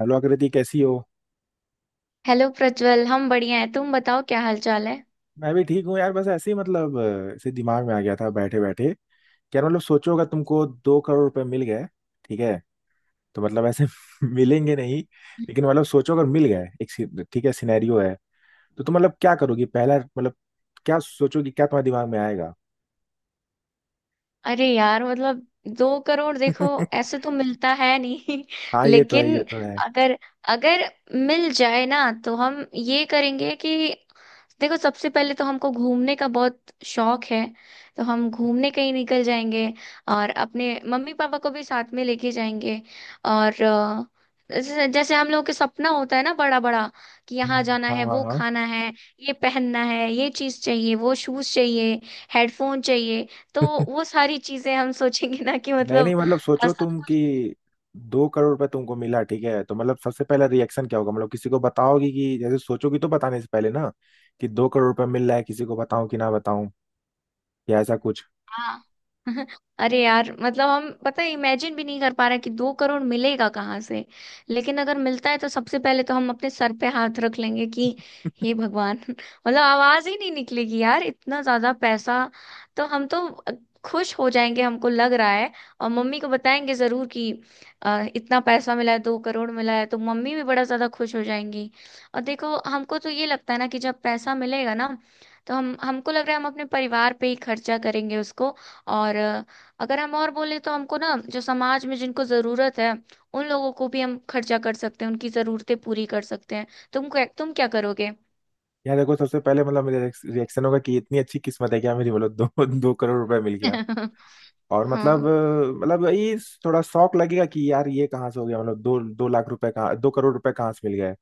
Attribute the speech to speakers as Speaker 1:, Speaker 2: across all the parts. Speaker 1: Hello Akriti, कैसी हो?
Speaker 2: Hello Prajwal. हम बढ़िया हैं। तुम बताओ, क्या हाल चाल है।
Speaker 1: मैं भी ठीक हूँ यार, बस ऐसे ही मतलब ऐसे दिमाग में आ गया था बैठे बैठे कि यार, मतलब सोचो अगर तुमको 2 करोड़ रुपए मिल गए। ठीक है, तो मतलब ऐसे मिलेंगे नहीं, लेकिन मतलब सोचो अगर मिल गए, एक ठीक है, सिनेरियो है। तो तुम मतलब क्या करोगी पहला, मतलब क्या सोचोगी, क्या तुम्हारे दिमाग में आएगा?
Speaker 2: अरे यार, मतलब दो करोड़ देखो, ऐसे तो मिलता है नहीं।
Speaker 1: हाँ, ये तो है,
Speaker 2: लेकिन
Speaker 1: ये तो है।
Speaker 2: अगर अगर मिल जाए ना, तो हम ये करेंगे कि देखो, सबसे पहले तो हमको घूमने का बहुत शौक है। तो हम घूमने कहीं निकल जाएंगे। और अपने मम्मी पापा को भी साथ में लेके जाएंगे। और जैसे जैसे हम लोगों के सपना होता है ना बड़ा बड़ा, कि यहाँ जाना
Speaker 1: हाँ
Speaker 2: है, वो
Speaker 1: हाँ।
Speaker 2: खाना है, ये पहनना है, ये चीज चाहिए, वो शूज चाहिए, हेडफोन चाहिए। तो
Speaker 1: हाँ,
Speaker 2: वो सारी चीजें हम सोचेंगे ना, कि
Speaker 1: नहीं नहीं,
Speaker 2: मतलब
Speaker 1: मतलब सोचो
Speaker 2: सब।
Speaker 1: तुम कि 2 करोड़ रुपए तुमको मिला, ठीक है, तो मतलब सबसे पहला रिएक्शन क्या होगा? मतलब किसी को बताओगी, कि जैसे सोचोगी तो बताने से पहले ना, कि 2 करोड़ रुपए मिल रहा है, किसी को बताऊं कि ना बताऊं, या ऐसा कुछ।
Speaker 2: हाँ। अरे यार, मतलब हम पता है इमेजिन भी नहीं कर पा रहे कि दो करोड़ मिलेगा कहाँ से। लेकिन अगर मिलता है, तो सबसे पहले तो हम अपने सर पे हाथ रख लेंगे कि हे भगवान। मतलब आवाज ही नहीं निकलेगी यार, इतना ज्यादा पैसा। तो हम तो खुश हो जाएंगे, हमको लग रहा है। और मम्मी को बताएंगे जरूर कि इतना पैसा मिला है, दो करोड़ मिला है, तो मम्मी भी बड़ा ज्यादा खुश हो जाएंगी। और देखो, हमको तो ये लगता है ना कि जब पैसा मिलेगा ना, तो हम हमको लग रहा है हम अपने परिवार पे ही खर्चा करेंगे उसको। और अगर हम और बोले, तो हमको ना, जो समाज में जिनको ज़रूरत है, उन लोगों को भी हम खर्चा कर सकते हैं, उनकी ज़रूरतें पूरी कर सकते हैं। तुम क्या करोगे?
Speaker 1: या देखो, सबसे पहले मतलब मेरा रिएक्शन होगा कि इतनी अच्छी किस्मत है क्या मेरी, मतलब दो 2 करोड़ रुपए मिल गया। और मतलब
Speaker 2: हाँ,
Speaker 1: मतलब ये थोड़ा शौक लगेगा कि यार ये कहाँ से हो गया, मतलब 2-2 लाख रुपए कहाँ, 2 करोड़ रुपए कहाँ से मिल गए?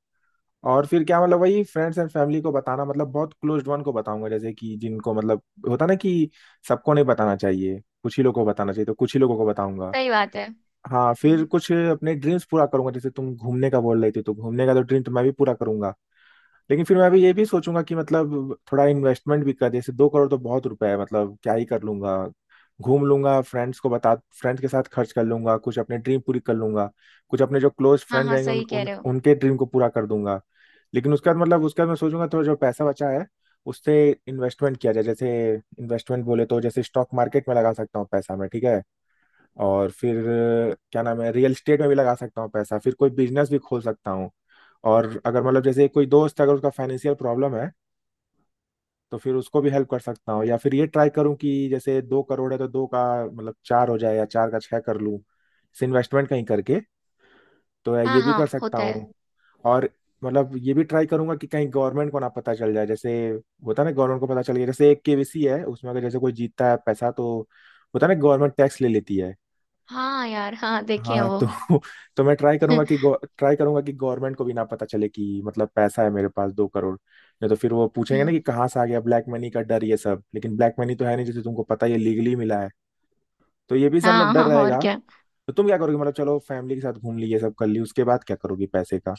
Speaker 1: और फिर क्या, मतलब वही फ्रेंड्स एंड फैमिली को बताना, मतलब बहुत क्लोज्ड वन को बताऊंगा, जैसे कि जिनको मतलब होता ना कि सबको नहीं बताना चाहिए, कुछ ही लोगों को बताना चाहिए, तो कुछ ही लोगों को बताऊंगा।
Speaker 2: सही बात है।
Speaker 1: हाँ, फिर
Speaker 2: हम्म,
Speaker 1: कुछ अपने ड्रीम्स पूरा करूंगा, जैसे तुम घूमने का बोल रही थी, तो घूमने का तो ड्रीम तो मैं भी पूरा करूंगा। लेकिन फिर मैं भी ये भी सोचूंगा कि मतलब थोड़ा इन्वेस्टमेंट भी कर, जैसे 2 करोड़ तो बहुत रुपए है, मतलब क्या ही कर लूंगा? घूम लूंगा, फ्रेंड्स को बता, फ्रेंड्स के साथ खर्च कर लूंगा, कुछ अपने ड्रीम पूरी कर लूंगा, कुछ अपने जो क्लोज
Speaker 2: हाँ
Speaker 1: फ्रेंड
Speaker 2: हाँ,
Speaker 1: रहेंगे उन,
Speaker 2: सही कह
Speaker 1: उन
Speaker 2: रहे हो।
Speaker 1: उनके ड्रीम को पूरा कर दूंगा। लेकिन उसके बाद, मतलब उसके बाद मैं सोचूंगा थोड़ा जो पैसा बचा है उससे इन्वेस्टमेंट किया जाए। जैसे इन्वेस्टमेंट बोले तो जैसे स्टॉक मार्केट में लगा सकता हूँ पैसा मैं, ठीक है, और फिर क्या नाम है, रियल एस्टेट में भी लगा सकता हूँ पैसा, फिर कोई बिजनेस भी खोल सकता हूँ। और अगर मतलब जैसे कोई दोस्त, अगर उसका फाइनेंशियल प्रॉब्लम है तो फिर उसको भी हेल्प कर सकता हूँ, या फिर ये ट्राई करूँ कि जैसे 2 करोड़ है तो दो का मतलब चार हो जाए, या चार का छः कर लूँ इन्वेस्टमेंट कहीं करके। तो
Speaker 2: हाँ
Speaker 1: ये भी
Speaker 2: हाँ,
Speaker 1: कर सकता
Speaker 2: होता है।
Speaker 1: हूँ। और मतलब ये भी ट्राई करूंगा कि कहीं गवर्नमेंट को ना पता चल जाए। जैसे होता है ना, गवर्नमेंट को पता चल गया, जैसे एक केवीसी है, उसमें अगर जैसे कोई जीतता है पैसा, तो होता है ना, गवर्नमेंट टैक्स ले लेती है।
Speaker 2: हाँ यार, हाँ, देखे हैं
Speaker 1: हाँ
Speaker 2: वो।
Speaker 1: तो तो मैं ट्राई करूंगा कि गवर्नमेंट को भी ना पता चले कि मतलब पैसा है मेरे पास 2 करोड़, नहीं तो फिर वो पूछेंगे
Speaker 2: हम्म,
Speaker 1: ना कि कहाँ से आ गया, ब्लैक मनी का डर, ये सब, लेकिन ब्लैक मनी तो है नहीं, जैसे तुमको पता है, ये लीगली मिला है। तो ये भी सब मतलब
Speaker 2: हाँ
Speaker 1: डर
Speaker 2: हाँ, और
Speaker 1: रहेगा।
Speaker 2: क्या।
Speaker 1: तो तुम क्या करोगे? मतलब चलो फैमिली के साथ घूम ली, ये सब कर ली, उसके बाद क्या करोगी पैसे का?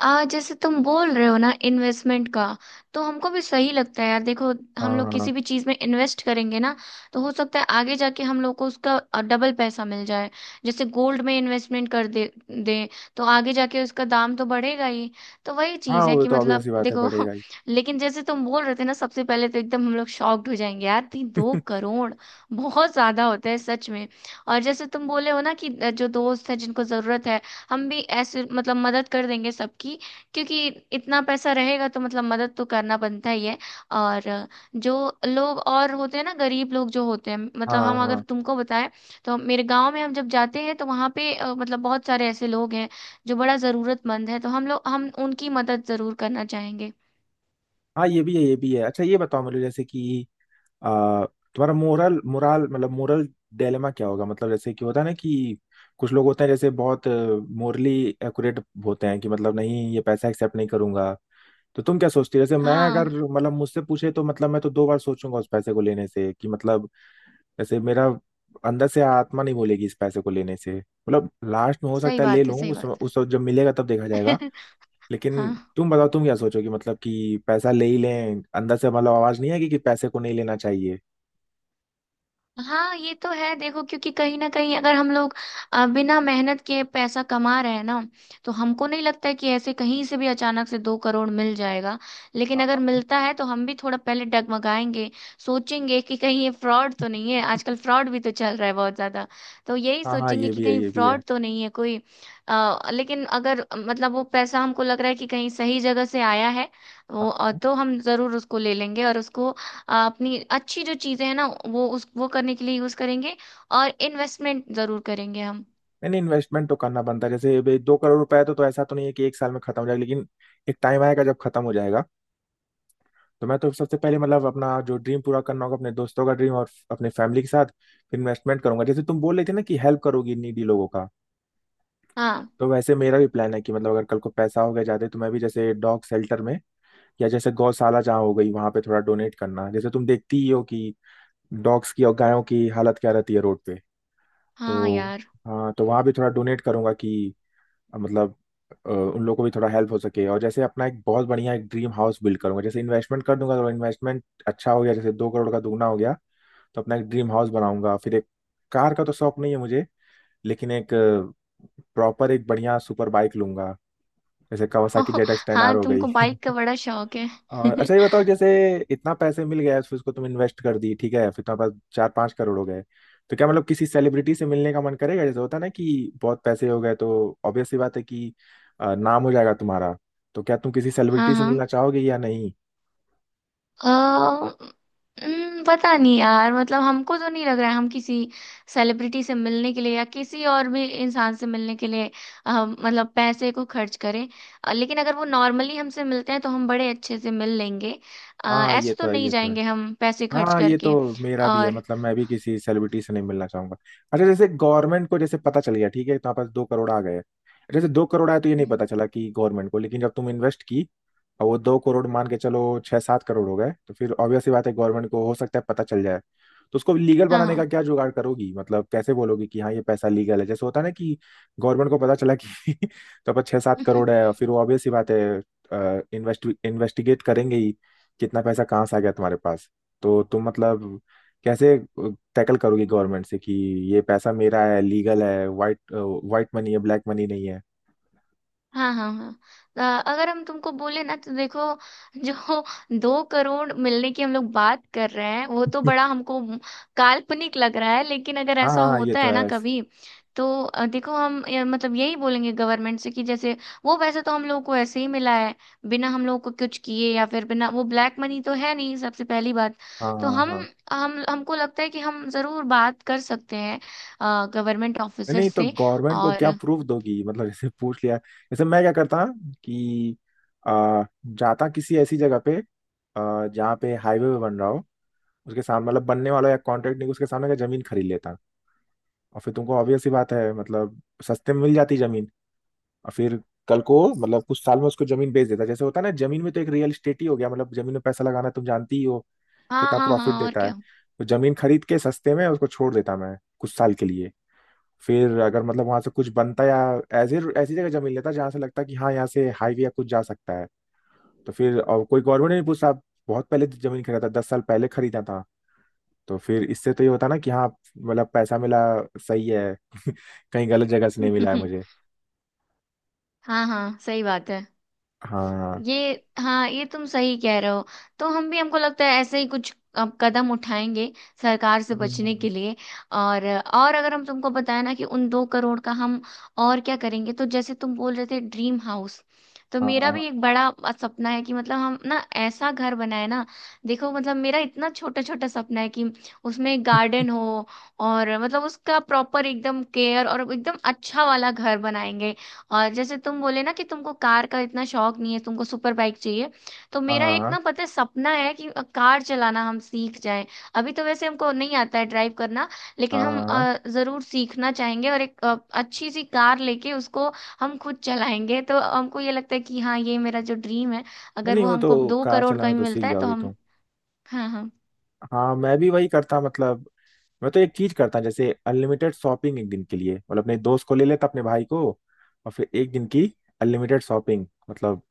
Speaker 2: आ जैसे तुम बोल रहे हो ना, इन्वेस्टमेंट का, तो हमको भी सही लगता है यार, देखो। हम लोग
Speaker 1: हाँ
Speaker 2: किसी भी चीज में इन्वेस्ट करेंगे ना, तो हो सकता है आगे जाके हम लोग को उसका डबल पैसा मिल जाए। जैसे गोल्ड में इन्वेस्टमेंट कर दे दे, तो आगे जाके उसका दाम तो बढ़ेगा ही। तो वही
Speaker 1: हाँ,
Speaker 2: चीज है
Speaker 1: वो
Speaker 2: कि
Speaker 1: तो obvious
Speaker 2: मतलब
Speaker 1: सी बात है,
Speaker 2: देखो।
Speaker 1: बढ़ेगा ही।
Speaker 2: लेकिन जैसे तुम बोल रहे थे ना, सबसे पहले तो एकदम हम लोग शॉक्ड हो जाएंगे यार, तीन दो करोड़ बहुत ज्यादा होता है सच में। और जैसे तुम बोले हो ना कि जो दोस्त है जिनको जरूरत है, हम भी ऐसे मतलब मदद कर देंगे सबकी। क्योंकि इतना पैसा रहेगा तो मतलब मदद तो करना बनता ही है। और जो लोग और होते हैं ना, गरीब लोग जो होते हैं, मतलब
Speaker 1: हाँ
Speaker 2: हम अगर
Speaker 1: हाँ
Speaker 2: तुमको बताएं, तो मेरे गांव में हम जब जाते हैं तो वहाँ पे मतलब बहुत सारे ऐसे लोग हैं, जो बड़ा जरूरतमंद है। तो हम उनकी मदद जरूर करना चाहेंगे।
Speaker 1: हाँ, ये भी है ये भी है। अच्छा, ये बताओ मुझे, जैसे कि आ, तुम्हारा मोरल मोरल मतलब मोरल डायलेमा क्या होगा? मतलब जैसे कि होता है ना कि कुछ लोग होते हैं जैसे बहुत मोरली एक्यूरेट होते हैं कि मतलब, नहीं, ये पैसा एक्सेप्ट नहीं करूंगा। तो तुम क्या सोचती हो? जैसे मैं अगर,
Speaker 2: हाँ,
Speaker 1: मतलब मुझसे पूछे तो मतलब मैं तो 2 बार सोचूंगा उस पैसे को लेने से कि मतलब जैसे मेरा अंदर से आत्मा नहीं बोलेगी इस पैसे को लेने से, मतलब लास्ट में हो
Speaker 2: सही
Speaker 1: सकता है ले
Speaker 2: बात है,
Speaker 1: लूं,
Speaker 2: सही
Speaker 1: उस
Speaker 2: बात
Speaker 1: उस वक्त जब मिलेगा तब देखा जाएगा।
Speaker 2: है।
Speaker 1: लेकिन
Speaker 2: हाँ
Speaker 1: तुम बताओ, तुम क्या सोचोगे? मतलब कि पैसा ले ही लें, अंदर से मतलब आवाज नहीं आएगी कि पैसे को नहीं लेना चाहिए?
Speaker 2: हाँ, ये तो है। देखो, क्योंकि कहीं ना कहीं अगर हम लोग बिना मेहनत के पैसा कमा रहे हैं ना, तो हमको नहीं लगता है कि ऐसे कहीं से भी अचानक से दो करोड़ मिल जाएगा। लेकिन अगर मिलता है, तो हम भी थोड़ा पहले डगमगाएंगे। सोचेंगे कि कहीं ये फ्रॉड तो नहीं है, आजकल फ्रॉड भी तो चल रहा है बहुत ज्यादा। तो यही
Speaker 1: हाँ हाँ,
Speaker 2: सोचेंगे
Speaker 1: ये
Speaker 2: कि
Speaker 1: भी है
Speaker 2: कहीं
Speaker 1: ये भी है।
Speaker 2: फ्रॉड तो नहीं है कोई। लेकिन अगर मतलब वो पैसा हमको लग रहा है कि कहीं सही जगह से आया है
Speaker 1: हाँ
Speaker 2: वो,
Speaker 1: हाँ।
Speaker 2: तो हम जरूर उसको ले लेंगे, और उसको अपनी अच्छी जो चीजें हैं ना, वो उस वो करने के लिए यूज करेंगे। और इन्वेस्टमेंट जरूर करेंगे हम।
Speaker 1: नहीं नहीं, इन्वेस्टमेंट तो करना बनता है, जैसे भाई 2 करोड़ रुपए है तो ऐसा तो नहीं है कि एक साल में खत्म हो जाएगा, लेकिन एक टाइम आएगा जब खत्म हो जाएगा। तो मैं तो सबसे पहले मतलब अपना जो ड्रीम पूरा करना होगा अपने दोस्तों का ड्रीम और अपने फैमिली के साथ। फिर इन्वेस्टमेंट करूंगा, जैसे तुम बोल रहे थे ना कि हेल्प करोगी नीडी लोगों का,
Speaker 2: हाँ
Speaker 1: तो वैसे मेरा भी प्लान है कि मतलब अगर कल को पैसा हो गया जाते तो मैं भी जैसे डॉग शेल्टर में, या जैसे गौशाला जहाँ हो गई वहां पे थोड़ा डोनेट करना। जैसे तुम देखती ही हो कि डॉग्स की और गायों की हालत क्या रहती है रोड पे।
Speaker 2: हाँ
Speaker 1: तो
Speaker 2: यार।
Speaker 1: हाँ, तो वहां भी थोड़ा डोनेट करूंगा कि मतलब उन लोगों को भी थोड़ा हेल्प हो सके। और जैसे अपना एक बहुत बढ़िया एक ड्रीम हाउस बिल्ड करूंगा, जैसे इन्वेस्टमेंट कर दूंगा तो इन्वेस्टमेंट अच्छा हो गया, जैसे दो करोड़ का दुगना हो गया, तो अपना एक ड्रीम हाउस बनाऊंगा। फिर एक, कार का तो शौक नहीं है मुझे, लेकिन एक प्रॉपर एक बढ़िया सुपर बाइक लूंगा, जैसे Kawasaki Z x ten R
Speaker 2: हाँ,
Speaker 1: हो
Speaker 2: तुमको
Speaker 1: गई।
Speaker 2: बाइक का बड़ा शौक है।
Speaker 1: और अच्छा, ये बताओ, जैसे इतना पैसे मिल गया फिर उसको तुम इन्वेस्ट कर दी, ठीक है, फिर तुम्हारे पास 4-5 करोड़ हो गए, तो क्या मतलब किसी सेलिब्रिटी से मिलने का मन करेगा? जैसे होता है ना कि बहुत पैसे हो गए तो ऑब्वियस सी बात है कि नाम हो जाएगा तुम्हारा। तो क्या तुम किसी
Speaker 2: हाँ
Speaker 1: सेलिब्रिटी से
Speaker 2: हाँ।
Speaker 1: मिलना चाहोगे या नहीं?
Speaker 2: अ, पता नहीं यार, मतलब हमको तो नहीं लग रहा है हम किसी सेलिब्रिटी से मिलने के लिए या किसी और भी इंसान से मिलने के लिए मतलब पैसे को खर्च करें। लेकिन अगर वो नॉर्मली हमसे मिलते हैं तो हम बड़े अच्छे से मिल लेंगे।
Speaker 1: हाँ ये
Speaker 2: ऐसे तो
Speaker 1: तो है
Speaker 2: नहीं
Speaker 1: ये तो है।
Speaker 2: जाएंगे हम पैसे खर्च
Speaker 1: हाँ ये तो
Speaker 2: करके।
Speaker 1: मेरा भी है,
Speaker 2: और
Speaker 1: मतलब मैं भी किसी सेलिब्रिटी से नहीं मिलना चाहूंगा। अच्छा, जैसे गवर्नमेंट को जैसे पता चल गया, ठीक है, तुम्हारे पास 2 करोड़ आ गए, जैसे दो करोड़ आए तो ये नहीं
Speaker 2: हम्म,
Speaker 1: पता चला कि गवर्नमेंट को, लेकिन जब तुम इन्वेस्ट की और वो 2 करोड़ मान के चलो 6-7 करोड़ हो गए, तो फिर ऑब्वियस सी बात है गवर्नमेंट को हो सकता है पता चल जाए, तो उसको लीगल
Speaker 2: हाँ
Speaker 1: बनाने
Speaker 2: हाँ।
Speaker 1: का क्या जुगाड़ करोगी? मतलब कैसे बोलोगी कि हाँ ये पैसा लीगल है? जैसे होता है ना कि गवर्नमेंट को पता चला कि तो पर 6-7 करोड़ है, और फिर वो ऑब्वियस सी बात है इन्वेस्ट इन्वेस्टिगेट करेंगे ही, कितना पैसा कहाँ से आ गया तुम्हारे पास। तो तुम मतलब कैसे टैकल करोगी गवर्नमेंट से कि ये पैसा मेरा है, लीगल है, वाइट वाइट मनी है, ब्लैक मनी नहीं है?
Speaker 2: हाँ हाँ हाँ। अ, अगर हम तुमको बोले ना तो देखो, जो दो करोड़ मिलने की हम लोग बात कर रहे हैं, वो तो बड़ा हमको काल्पनिक लग रहा है। लेकिन अगर
Speaker 1: हाँ
Speaker 2: ऐसा
Speaker 1: हाँ ये
Speaker 2: होता
Speaker 1: तो
Speaker 2: है ना
Speaker 1: है।
Speaker 2: कभी, तो देखो, हम मतलब यही बोलेंगे गवर्नमेंट से कि, जैसे वो वैसे तो हम लोगों को ऐसे ही मिला है, बिना हम लोगों को कुछ किए, या फिर बिना वो, ब्लैक मनी तो है नहीं सबसे पहली बात।
Speaker 1: हाँ
Speaker 2: तो
Speaker 1: हाँ हाँ।
Speaker 2: हम हमको लगता है कि हम जरूर बात कर सकते हैं गवर्नमेंट ऑफिसर
Speaker 1: नहीं तो
Speaker 2: से।
Speaker 1: गवर्नमेंट को क्या
Speaker 2: और
Speaker 1: प्रूफ दोगी? मतलब जैसे पूछ लिया, जैसे मैं क्या करता कि जाता किसी ऐसी जगह पे जहाँ पे हाईवे पे बन रहा हो उसके सामने, मतलब बनने वाला या कॉन्ट्रैक्ट, नहीं उसके सामने का जमीन खरीद लेता। और फिर तुमको ऑब्वियस सी बात है, मतलब सस्ते में मिल जाती जमीन। और फिर कल को, मतलब कुछ साल में उसको जमीन बेच देता, जैसे होता है ना जमीन में, तो एक रियल इस्टेट ही हो गया, मतलब जमीन में पैसा लगाना तुम जानती ही हो
Speaker 2: हाँ
Speaker 1: कितना
Speaker 2: हाँ
Speaker 1: प्रॉफिट
Speaker 2: हाँ, और
Speaker 1: देता है।
Speaker 2: क्या।
Speaker 1: तो जमीन खरीद के सस्ते में उसको छोड़ देता मैं कुछ साल के लिए, फिर अगर मतलब वहां से कुछ बनता, या ऐसी ऐसी जगह जमीन लेता जहां से लगता कि हाँ यहाँ से हाईवे या कुछ जा सकता है, तो फिर और कोई गवर्नमेंट नहीं पूछता, आप बहुत पहले जमीन खरीदा था, 10 साल पहले खरीदा था। तो फिर इससे तो ये होता ना कि हाँ, मतलब पैसा मिला, सही है, कहीं गलत जगह से नहीं मिला है मुझे।
Speaker 2: हाँ हाँ, सही बात है।
Speaker 1: हाँ।
Speaker 2: ये हाँ, ये तुम सही कह रहे हो। तो हम भी हमको लगता है ऐसे ही कुछ अब कदम उठाएंगे सरकार से बचने
Speaker 1: हम्म,
Speaker 2: के लिए। और अगर हम तुमको बताए ना कि उन दो करोड़ का हम और क्या करेंगे, तो जैसे तुम बोल रहे थे ड्रीम हाउस, तो
Speaker 1: हाँ
Speaker 2: मेरा
Speaker 1: हाँ
Speaker 2: भी एक बड़ा सपना है कि मतलब हम ना ऐसा घर बनाए ना। देखो, मतलब मेरा इतना छोटा छोटा सपना है कि उसमें गार्डन हो, और मतलब उसका प्रॉपर एकदम केयर, और एकदम अच्छा वाला घर बनाएंगे। और जैसे तुम बोले ना कि तुमको कार का इतना शौक नहीं है, तुमको सुपर बाइक चाहिए, तो मेरा एक
Speaker 1: हाँ
Speaker 2: ना, पता है, सपना है कि कार चलाना हम सीख जाएं। अभी तो वैसे हमको नहीं आता है ड्राइव करना। लेकिन
Speaker 1: हाँ
Speaker 2: हम
Speaker 1: हाँ।
Speaker 2: जरूर सीखना चाहेंगे, और एक अच्छी सी कार लेके उसको हम खुद चलाएंगे। तो हमको ये लगता है कि हाँ, ये मेरा जो ड्रीम है,
Speaker 1: नहीं
Speaker 2: अगर
Speaker 1: नहीं
Speaker 2: वो
Speaker 1: वो तो,
Speaker 2: हमको दो
Speaker 1: कार
Speaker 2: करोड़ का
Speaker 1: चलाना
Speaker 2: भी
Speaker 1: तो सीख
Speaker 2: मिलता है तो
Speaker 1: जाओगे
Speaker 2: हम।
Speaker 1: तुम।
Speaker 2: हाँ हाँ।
Speaker 1: हाँ, मैं भी वही करता, मतलब मैं तो एक चीज करता, जैसे अनलिमिटेड शॉपिंग एक दिन के लिए, मतलब अपने दोस्त को ले लेता, अपने भाई को, और फिर एक दिन की अनलिमिटेड शॉपिंग, मतलब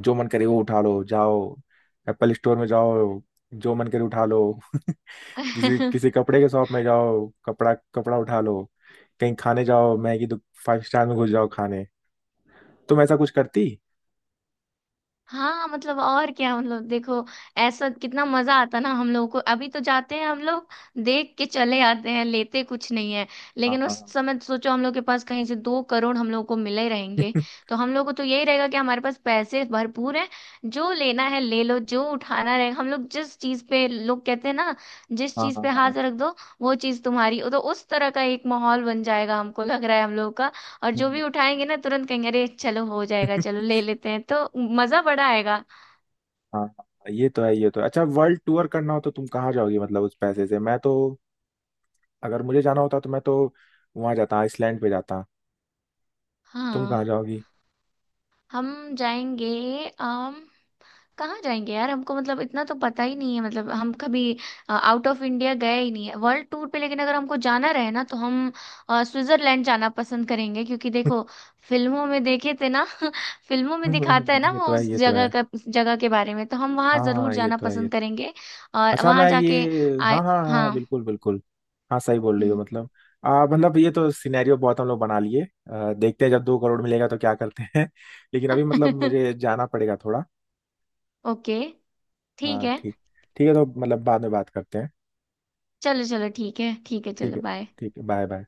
Speaker 1: जो मन करे वो उठा लो, जाओ, एप्पल स्टोर में जाओ, जो मन करे उठा लो। किसी किसी कपड़े के शॉप में जाओ, कपड़ा कपड़ा उठा लो, कहीं खाने जाओ, मैगी तो, फाइव स्टार में घुस जाओ खाने। तुम ऐसा कुछ करती?
Speaker 2: हाँ, मतलब और क्या, मतलब देखो, ऐसा कितना मजा आता ना हम लोगों को। अभी तो जाते हैं हम लोग, देख के चले आते हैं, लेते कुछ नहीं है।
Speaker 1: हाँ
Speaker 2: लेकिन उस
Speaker 1: हाँ
Speaker 2: समय सोचो, हम लोग के पास कहीं से दो करोड़ हम लोग को मिले रहेंगे,
Speaker 1: हाँ।
Speaker 2: तो हम लोग को तो यही रहेगा कि हमारे पास पैसे भरपूर हैं, जो लेना है ले लो। जो उठाना रहेगा हम लोग, जिस चीज पे लोग कहते हैं ना, जिस
Speaker 1: हाँ
Speaker 2: चीज
Speaker 1: हाँ
Speaker 2: पे
Speaker 1: हाँ।
Speaker 2: हाथ रख दो वो चीज तुम्हारी, तो उस तरह का एक माहौल बन जाएगा, हमको लग रहा है हम लोग का। और जो
Speaker 1: हम्म।
Speaker 2: भी उठाएंगे ना तुरंत कहेंगे, अरे चलो हो जाएगा, चलो ले लेते हैं, तो मजा बड़ा आएगा।
Speaker 1: हाँ हाँ। ये तो है ये तो है। अच्छा, वर्ल्ड टूर करना हो तो तुम कहाँ जाओगी? मतलब उस पैसे से मैं तो, अगर मुझे जाना होता तो मैं तो वहां जाता, आइसलैंड पे जाता। तुम
Speaker 2: हाँ,
Speaker 1: कहाँ जाओगी?
Speaker 2: हम जाएंगे। अम कहाँ जाएंगे यार, हमको मतलब इतना तो पता ही नहीं है, मतलब हम कभी आउट ऑफ इंडिया गए ही नहीं है वर्ल्ड टूर पे। लेकिन अगर हमको जाना रहे ना, तो हम स्विट्जरलैंड जाना पसंद करेंगे, क्योंकि देखो, फिल्मों में देखे थे ना। फिल्मों में दिखाता है ना
Speaker 1: ये
Speaker 2: वो
Speaker 1: तो है ये तो है।
Speaker 2: उस जगह के बारे में, तो हम वहाँ जरूर
Speaker 1: हाँ ये
Speaker 2: जाना
Speaker 1: तो है, ये
Speaker 2: पसंद
Speaker 1: तो।
Speaker 2: करेंगे। और
Speaker 1: अच्छा
Speaker 2: वहाँ
Speaker 1: मैं
Speaker 2: जाके
Speaker 1: ये,
Speaker 2: आए।
Speaker 1: हाँ हाँ हाँ हाँ,
Speaker 2: हाँ,
Speaker 1: बिल्कुल बिल्कुल। हाँ, सही बोल रही हो,
Speaker 2: हम्म।
Speaker 1: मतलब मतलब ये तो सिनेरियो बहुत हम लोग बना लिए। देखते हैं जब 2 करोड़ मिलेगा तो क्या करते हैं। लेकिन अभी मतलब मुझे जाना पड़ेगा थोड़ा।
Speaker 2: ओके, ठीक
Speaker 1: हाँ
Speaker 2: है।
Speaker 1: ठीक ठीक है तो मतलब बाद में बात करते हैं।
Speaker 2: चलो चलो, ठीक है ठीक है,
Speaker 1: ठीक
Speaker 2: चलो
Speaker 1: है,
Speaker 2: बाय।
Speaker 1: ठीक है, बाय बाय।